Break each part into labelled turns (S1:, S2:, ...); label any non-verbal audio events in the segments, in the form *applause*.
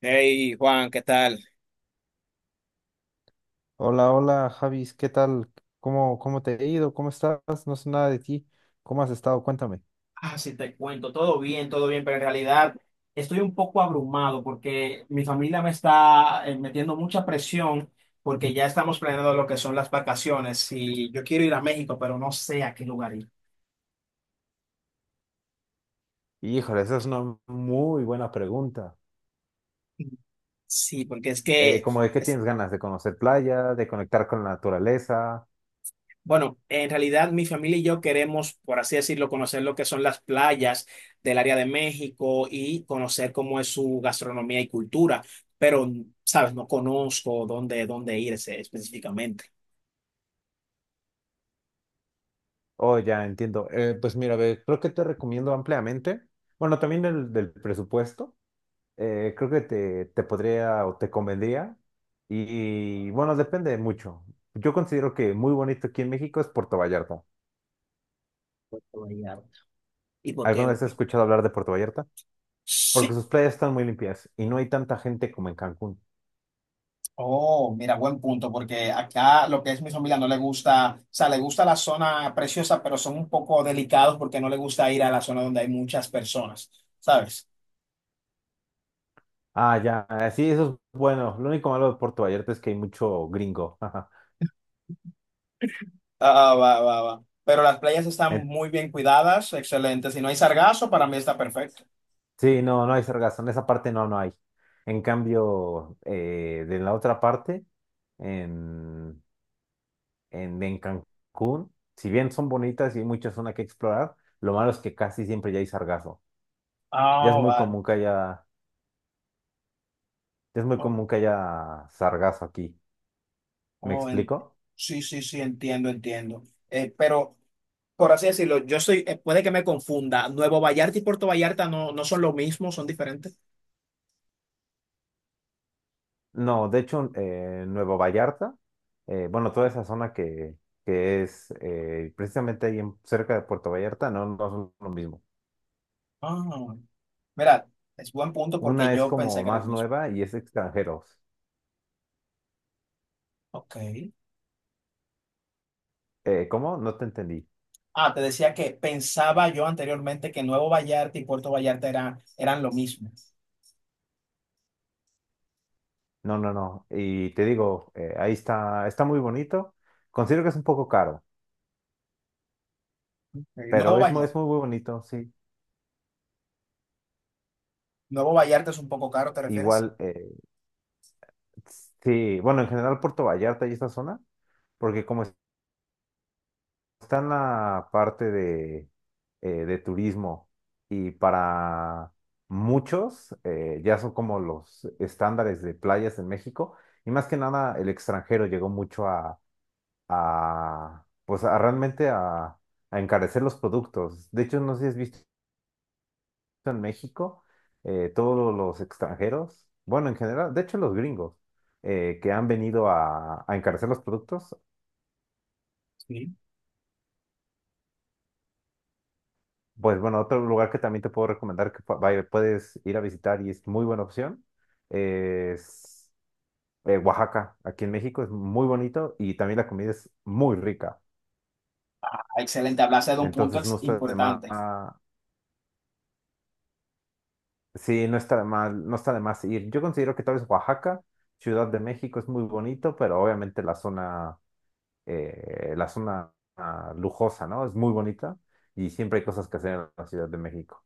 S1: Hey Juan, ¿qué tal?
S2: Hola, hola, Javis, ¿qué tal? ¿Cómo te he ido? ¿Cómo estás? No sé nada de ti. ¿Cómo has estado? Cuéntame.
S1: Ah, sí, te cuento, todo bien, pero en realidad estoy un poco abrumado porque mi familia me está metiendo mucha presión porque ya estamos planeando lo que son las vacaciones y yo quiero ir a México, pero no sé a qué lugar ir.
S2: Híjole, esa es una muy buena pregunta.
S1: Sí, porque es que
S2: ¿Como de qué
S1: es-
S2: tienes ganas? De ¿conocer playa, de conectar con la naturaleza?
S1: bueno, en realidad mi familia y yo queremos, por así decirlo, conocer lo que son las playas del área de México y conocer cómo es su gastronomía y cultura, pero, sabes, no conozco dónde irse específicamente.
S2: Oh, ya entiendo. Pues mira, ve, creo que te recomiendo ampliamente. Bueno, también el del presupuesto. Creo que te podría o te convendría. Y, bueno, depende mucho. Yo considero que muy bonito aquí en México es Puerto Vallarta.
S1: Puerto Vallarta. ¿Y por qué
S2: ¿Alguna
S1: o
S2: vez has
S1: qué?
S2: escuchado hablar de Puerto Vallarta? Porque
S1: Sí.
S2: sus playas están muy limpias y no hay tanta gente como en Cancún.
S1: Oh, mira, buen punto, porque acá lo que es mi familia no le gusta, o sea, le gusta la zona preciosa, pero son un poco delicados porque no le gusta ir a la zona donde hay muchas personas, ¿sabes?
S2: Ah, ya, ah, sí, eso es bueno. Lo único malo de Puerto Vallarta es que hay mucho gringo. *laughs* Ajá.
S1: Ah, ah, va, va, va. Pero las playas están
S2: En-
S1: muy bien cuidadas, excelente. Si no hay sargazo, para mí está perfecto.
S2: Sí, no, no hay sargazo. En esa parte no, no hay. En cambio, de la otra parte, en, en Cancún, si bien son bonitas y hay mucha zona que explorar, lo malo es que casi siempre ya hay sargazo. Ya es
S1: Ah,
S2: muy
S1: vale.
S2: común que haya, ya es muy
S1: Oh,
S2: común que haya sargazo aquí. ¿Me
S1: oh,
S2: explico?
S1: sí, sí, sí, entiendo, entiendo. Pero, por así decirlo, yo estoy, puede que me confunda. Nuevo Vallarta y Puerto Vallarta no son lo mismo, son diferentes.
S2: No, de hecho, Nueva Vallarta, bueno, toda esa zona que es precisamente ahí cerca de Puerto Vallarta, no, no son lo mismo.
S1: Ah, mira, es buen punto porque
S2: Una es
S1: yo pensé
S2: como
S1: que era el
S2: más
S1: mismo.
S2: nueva y es extranjeros.
S1: Ok.
S2: ¿Cómo? No te entendí.
S1: Ah, te decía que pensaba yo anteriormente que Nuevo Vallarta y Puerto Vallarta eran lo mismo.
S2: No, no, no. Y te digo, ahí está, está muy bonito. Considero que es un poco caro,
S1: Ok, Nuevo
S2: pero es
S1: Vallarta.
S2: muy, muy bonito, sí.
S1: Nuevo Vallarta es un poco caro, ¿te refieres?
S2: Igual, sí, bueno, en general Puerto Vallarta y esta zona, porque como está en la parte de turismo y para muchos ya son como los estándares de playas en México, y más que nada el extranjero llegó mucho a, pues a realmente a encarecer los productos. De hecho, no sé si has visto en México, todos los extranjeros, bueno, en general, de hecho los gringos que han venido a encarecer los productos.
S1: Sí.
S2: Pues bueno, otro lugar que también te puedo recomendar que puedes ir a visitar y es muy buena opción es Oaxaca. Aquí en México, es muy bonito y también la comida es muy rica.
S1: Ah, excelente, hablaste de un punto
S2: Entonces no está de más,
S1: importante.
S2: sí, no está de más ir. Yo considero que tal vez Oaxaca, Ciudad de México, es muy bonito, pero obviamente la zona lujosa, ¿no? Es muy bonita y siempre hay cosas que hacer en la Ciudad de México.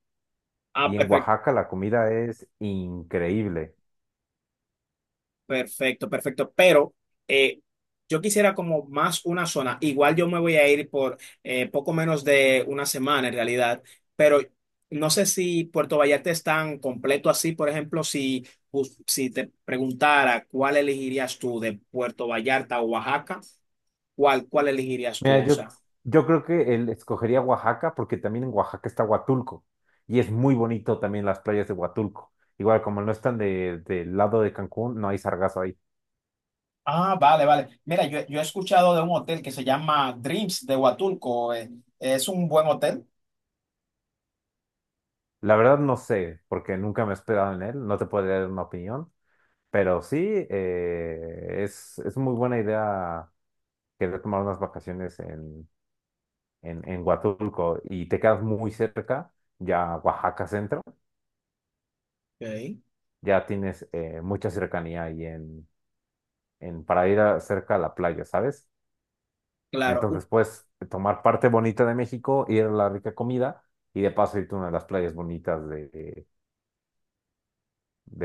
S1: Ah,
S2: Y en
S1: perfecto,
S2: Oaxaca la comida es increíble.
S1: perfecto, perfecto. Pero eh, yo quisiera como más una zona. Igual yo me voy a ir por poco menos de una semana en realidad, pero no sé si Puerto Vallarta es tan completo así. Por ejemplo, si, si te preguntara cuál elegirías tú de Puerto Vallarta o Oaxaca, ¿cuál elegirías
S2: Mira,
S1: tú? O
S2: yo,
S1: sea,
S2: yo creo que él escogería Oaxaca porque también en Oaxaca está Huatulco y es muy bonito también las playas de Huatulco. Igual como no están del lado de Cancún, no hay sargazo ahí.
S1: ah, vale, vale. Mira, yo he escuchado de un hotel que se llama Dreams de Huatulco. ¿Es un buen hotel?
S2: La verdad no sé, porque nunca me he hospedado en él, no te podría dar una opinión, pero sí, es muy buena idea querer tomar unas vacaciones en, en Huatulco y te quedas muy cerca. Ya Oaxaca Centro,
S1: Ok,
S2: ya tienes mucha cercanía ahí, para ir cerca a la playa, ¿sabes?
S1: claro,
S2: Entonces puedes tomar parte bonita de México, ir a la rica comida y de paso irte a una de las playas bonitas de,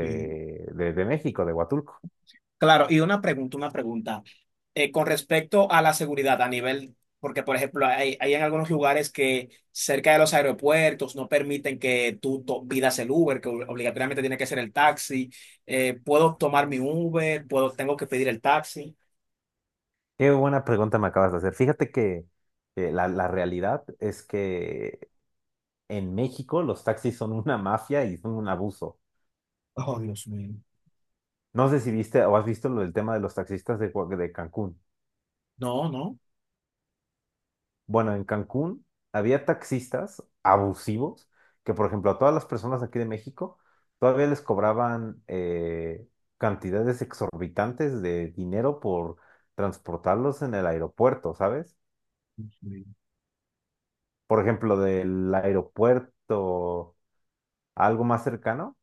S1: y-
S2: de, de México, de Huatulco.
S1: claro. Y una pregunta, una pregunta. Con respecto a la seguridad a nivel, porque por ejemplo, hay en algunos lugares que cerca de los aeropuertos no permiten que tú pidas el Uber, que obligatoriamente tiene que ser el taxi. ¿Puedo tomar mi Uber? ¿Puedo, tengo que pedir el taxi?
S2: Qué buena pregunta me acabas de hacer. Fíjate que la realidad es que en México los taxis son una mafia y son un abuso.
S1: Oh, Dios mío.
S2: No sé si viste o has visto lo del tema de los taxistas de Cancún.
S1: No, no.
S2: Bueno, en Cancún había taxistas abusivos que, por ejemplo, a todas las personas aquí de México todavía les cobraban cantidades exorbitantes de dinero por transportarlos en el aeropuerto, ¿sabes?
S1: Dios
S2: Por ejemplo, del aeropuerto a algo más cercano,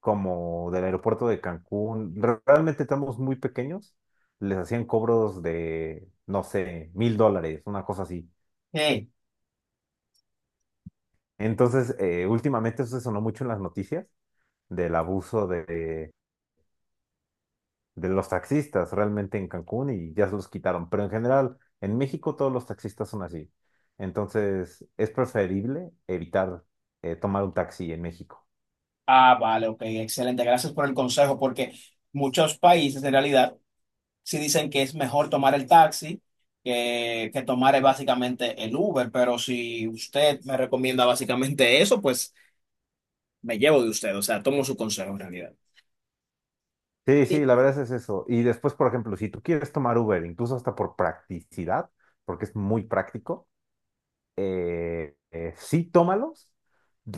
S2: como del aeropuerto de Cancún, realmente estamos muy pequeños, les hacían cobros de, no sé, $1,000, una cosa así.
S1: mío.
S2: Entonces, últimamente eso se sonó mucho en las noticias del abuso de los taxistas realmente en Cancún, y ya se los quitaron. Pero en general, en México todos los taxistas son así. Entonces, es preferible evitar tomar un taxi en México.
S1: Ah, vale, ok, excelente. Gracias por el consejo, porque muchos países en realidad sí dicen que es mejor tomar el taxi que tomar básicamente el Uber, pero si usted me recomienda básicamente eso, pues me llevo de usted, o sea, tomo su consejo en realidad.
S2: Sí, sí,
S1: Y-
S2: la verdad es eso. Y después, por ejemplo, si tú quieres tomar Uber, incluso hasta por practicidad, porque es muy práctico, sí, tómalos.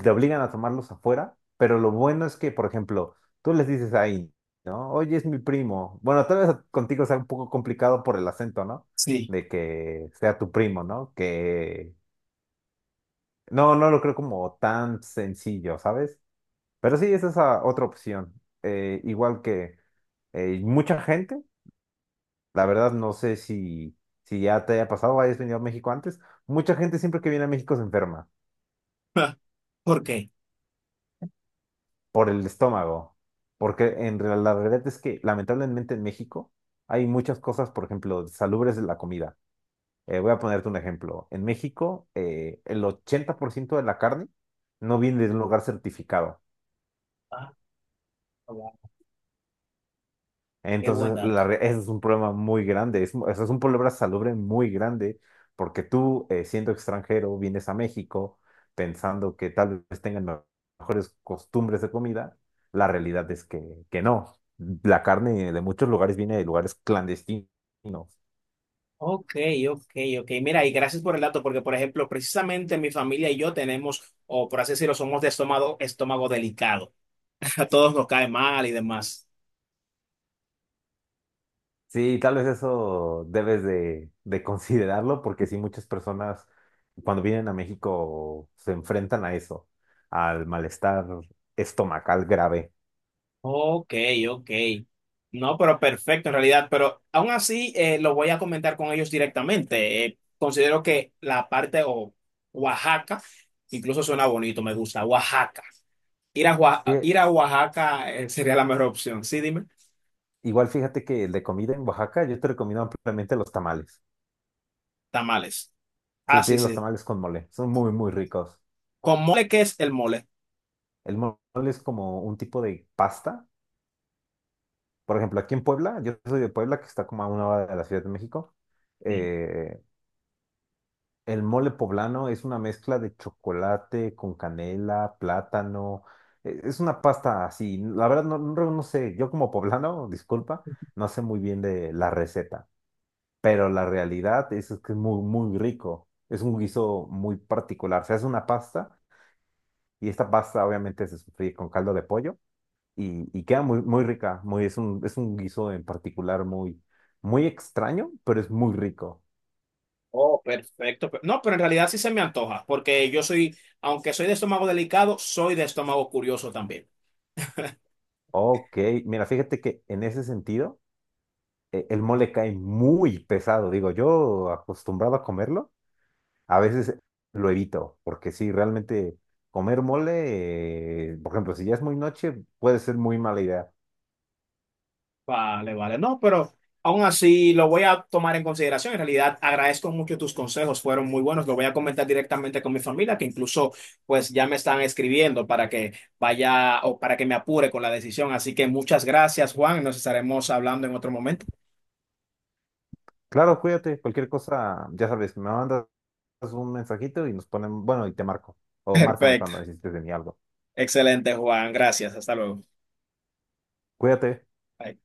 S2: Te obligan a tomarlos afuera, pero lo bueno es que, por ejemplo, tú les dices ahí, ¿no? Oye, es mi primo. Bueno, tal vez contigo sea un poco complicado por el acento, ¿no?
S1: Sí.
S2: De que sea tu primo, ¿no? Que no, no lo creo como tan sencillo, ¿sabes? Pero sí, esa es otra opción. Igual que mucha gente, la verdad no sé si ya te haya pasado, hayas venido a México antes, mucha gente siempre que viene a México se enferma.
S1: *laughs* ¿Por qué?
S2: Por el estómago, porque la realidad es que lamentablemente en México hay muchas cosas, por ejemplo, salubres de la comida. Voy a ponerte un ejemplo. En México, el 80% de la carne no viene de un lugar certificado.
S1: Ah, wow, qué buen
S2: Entonces,
S1: dato.
S2: ese es un problema muy grande, o sea, es un problema salubre muy grande, porque tú, siendo extranjero, vienes a México pensando que tal vez tengan mejores costumbres de comida. La realidad es que no. La carne de muchos lugares viene de lugares clandestinos.
S1: Ok, ok, ok. Mira, y gracias por el dato, porque por ejemplo, precisamente mi familia y yo tenemos, o por así decirlo, somos de estómago, estómago delicado. *laughs* A todos nos cae mal y demás.
S2: Sí, tal vez eso debes de considerarlo, porque sí, muchas personas cuando vienen a México se enfrentan a eso, al malestar estomacal grave.
S1: Ok, ok. No, pero perfecto en realidad, pero aún así lo voy a comentar con ellos directamente. Considero que la parte o Oaxaca, incluso suena bonito, me gusta, Oaxaca. Ir a,
S2: Sí,
S1: Ir a Oaxaca sería la mejor opción. Sí, dime,
S2: igual fíjate que el de comida en Oaxaca yo te recomiendo ampliamente los tamales.
S1: tamales.
S2: Sí,
S1: Ah, sí,
S2: piden los
S1: sí.
S2: tamales con mole, son muy, muy ricos.
S1: ¿Con mole qué es el mole?
S2: El mole es como un tipo de pasta. Por ejemplo, aquí en Puebla, yo soy de Puebla, que está como a 1 hora de la Ciudad de México.
S1: Sí.
S2: eh, el mole poblano es una mezcla de chocolate con canela, plátano. Es una pasta así. La verdad, no, no, no sé, yo como poblano, *laughs* disculpa, no sé muy bien de la receta. Pero la realidad es que es muy, muy rico. Es un guiso muy particular. Se hace una pasta y esta pasta obviamente se sofríe con caldo de pollo, y queda muy, muy rica. Es un, guiso en particular muy, muy extraño, pero es muy rico.
S1: Oh, perfecto. No, pero en realidad sí se me antoja, porque yo soy, aunque soy de estómago delicado, soy de estómago curioso también.
S2: Ok, mira, fíjate que en ese sentido el mole cae muy pesado. Digo, yo acostumbrado a comerlo, a veces lo evito, porque sí, realmente comer mole, por ejemplo, si ya es muy noche, puede ser muy mala idea.
S1: Vale, vale. No, pero aún así lo voy a tomar en consideración. En realidad, agradezco mucho tus consejos, fueron muy buenos. Lo voy a comentar directamente con mi familia, que incluso pues ya me están escribiendo para que vaya o para que me apure con la decisión. Así que muchas gracias, Juan. Nos estaremos hablando en otro momento.
S2: Claro, cuídate. Cualquier cosa, ya sabes, me mandas un mensajito y nos ponen, bueno, y te marco.
S1: *laughs*
S2: O márcame
S1: Perfecto.
S2: cuando necesites de mí algo.
S1: Excelente, Juan. Gracias. Hasta luego.
S2: Cuídate.
S1: Bye.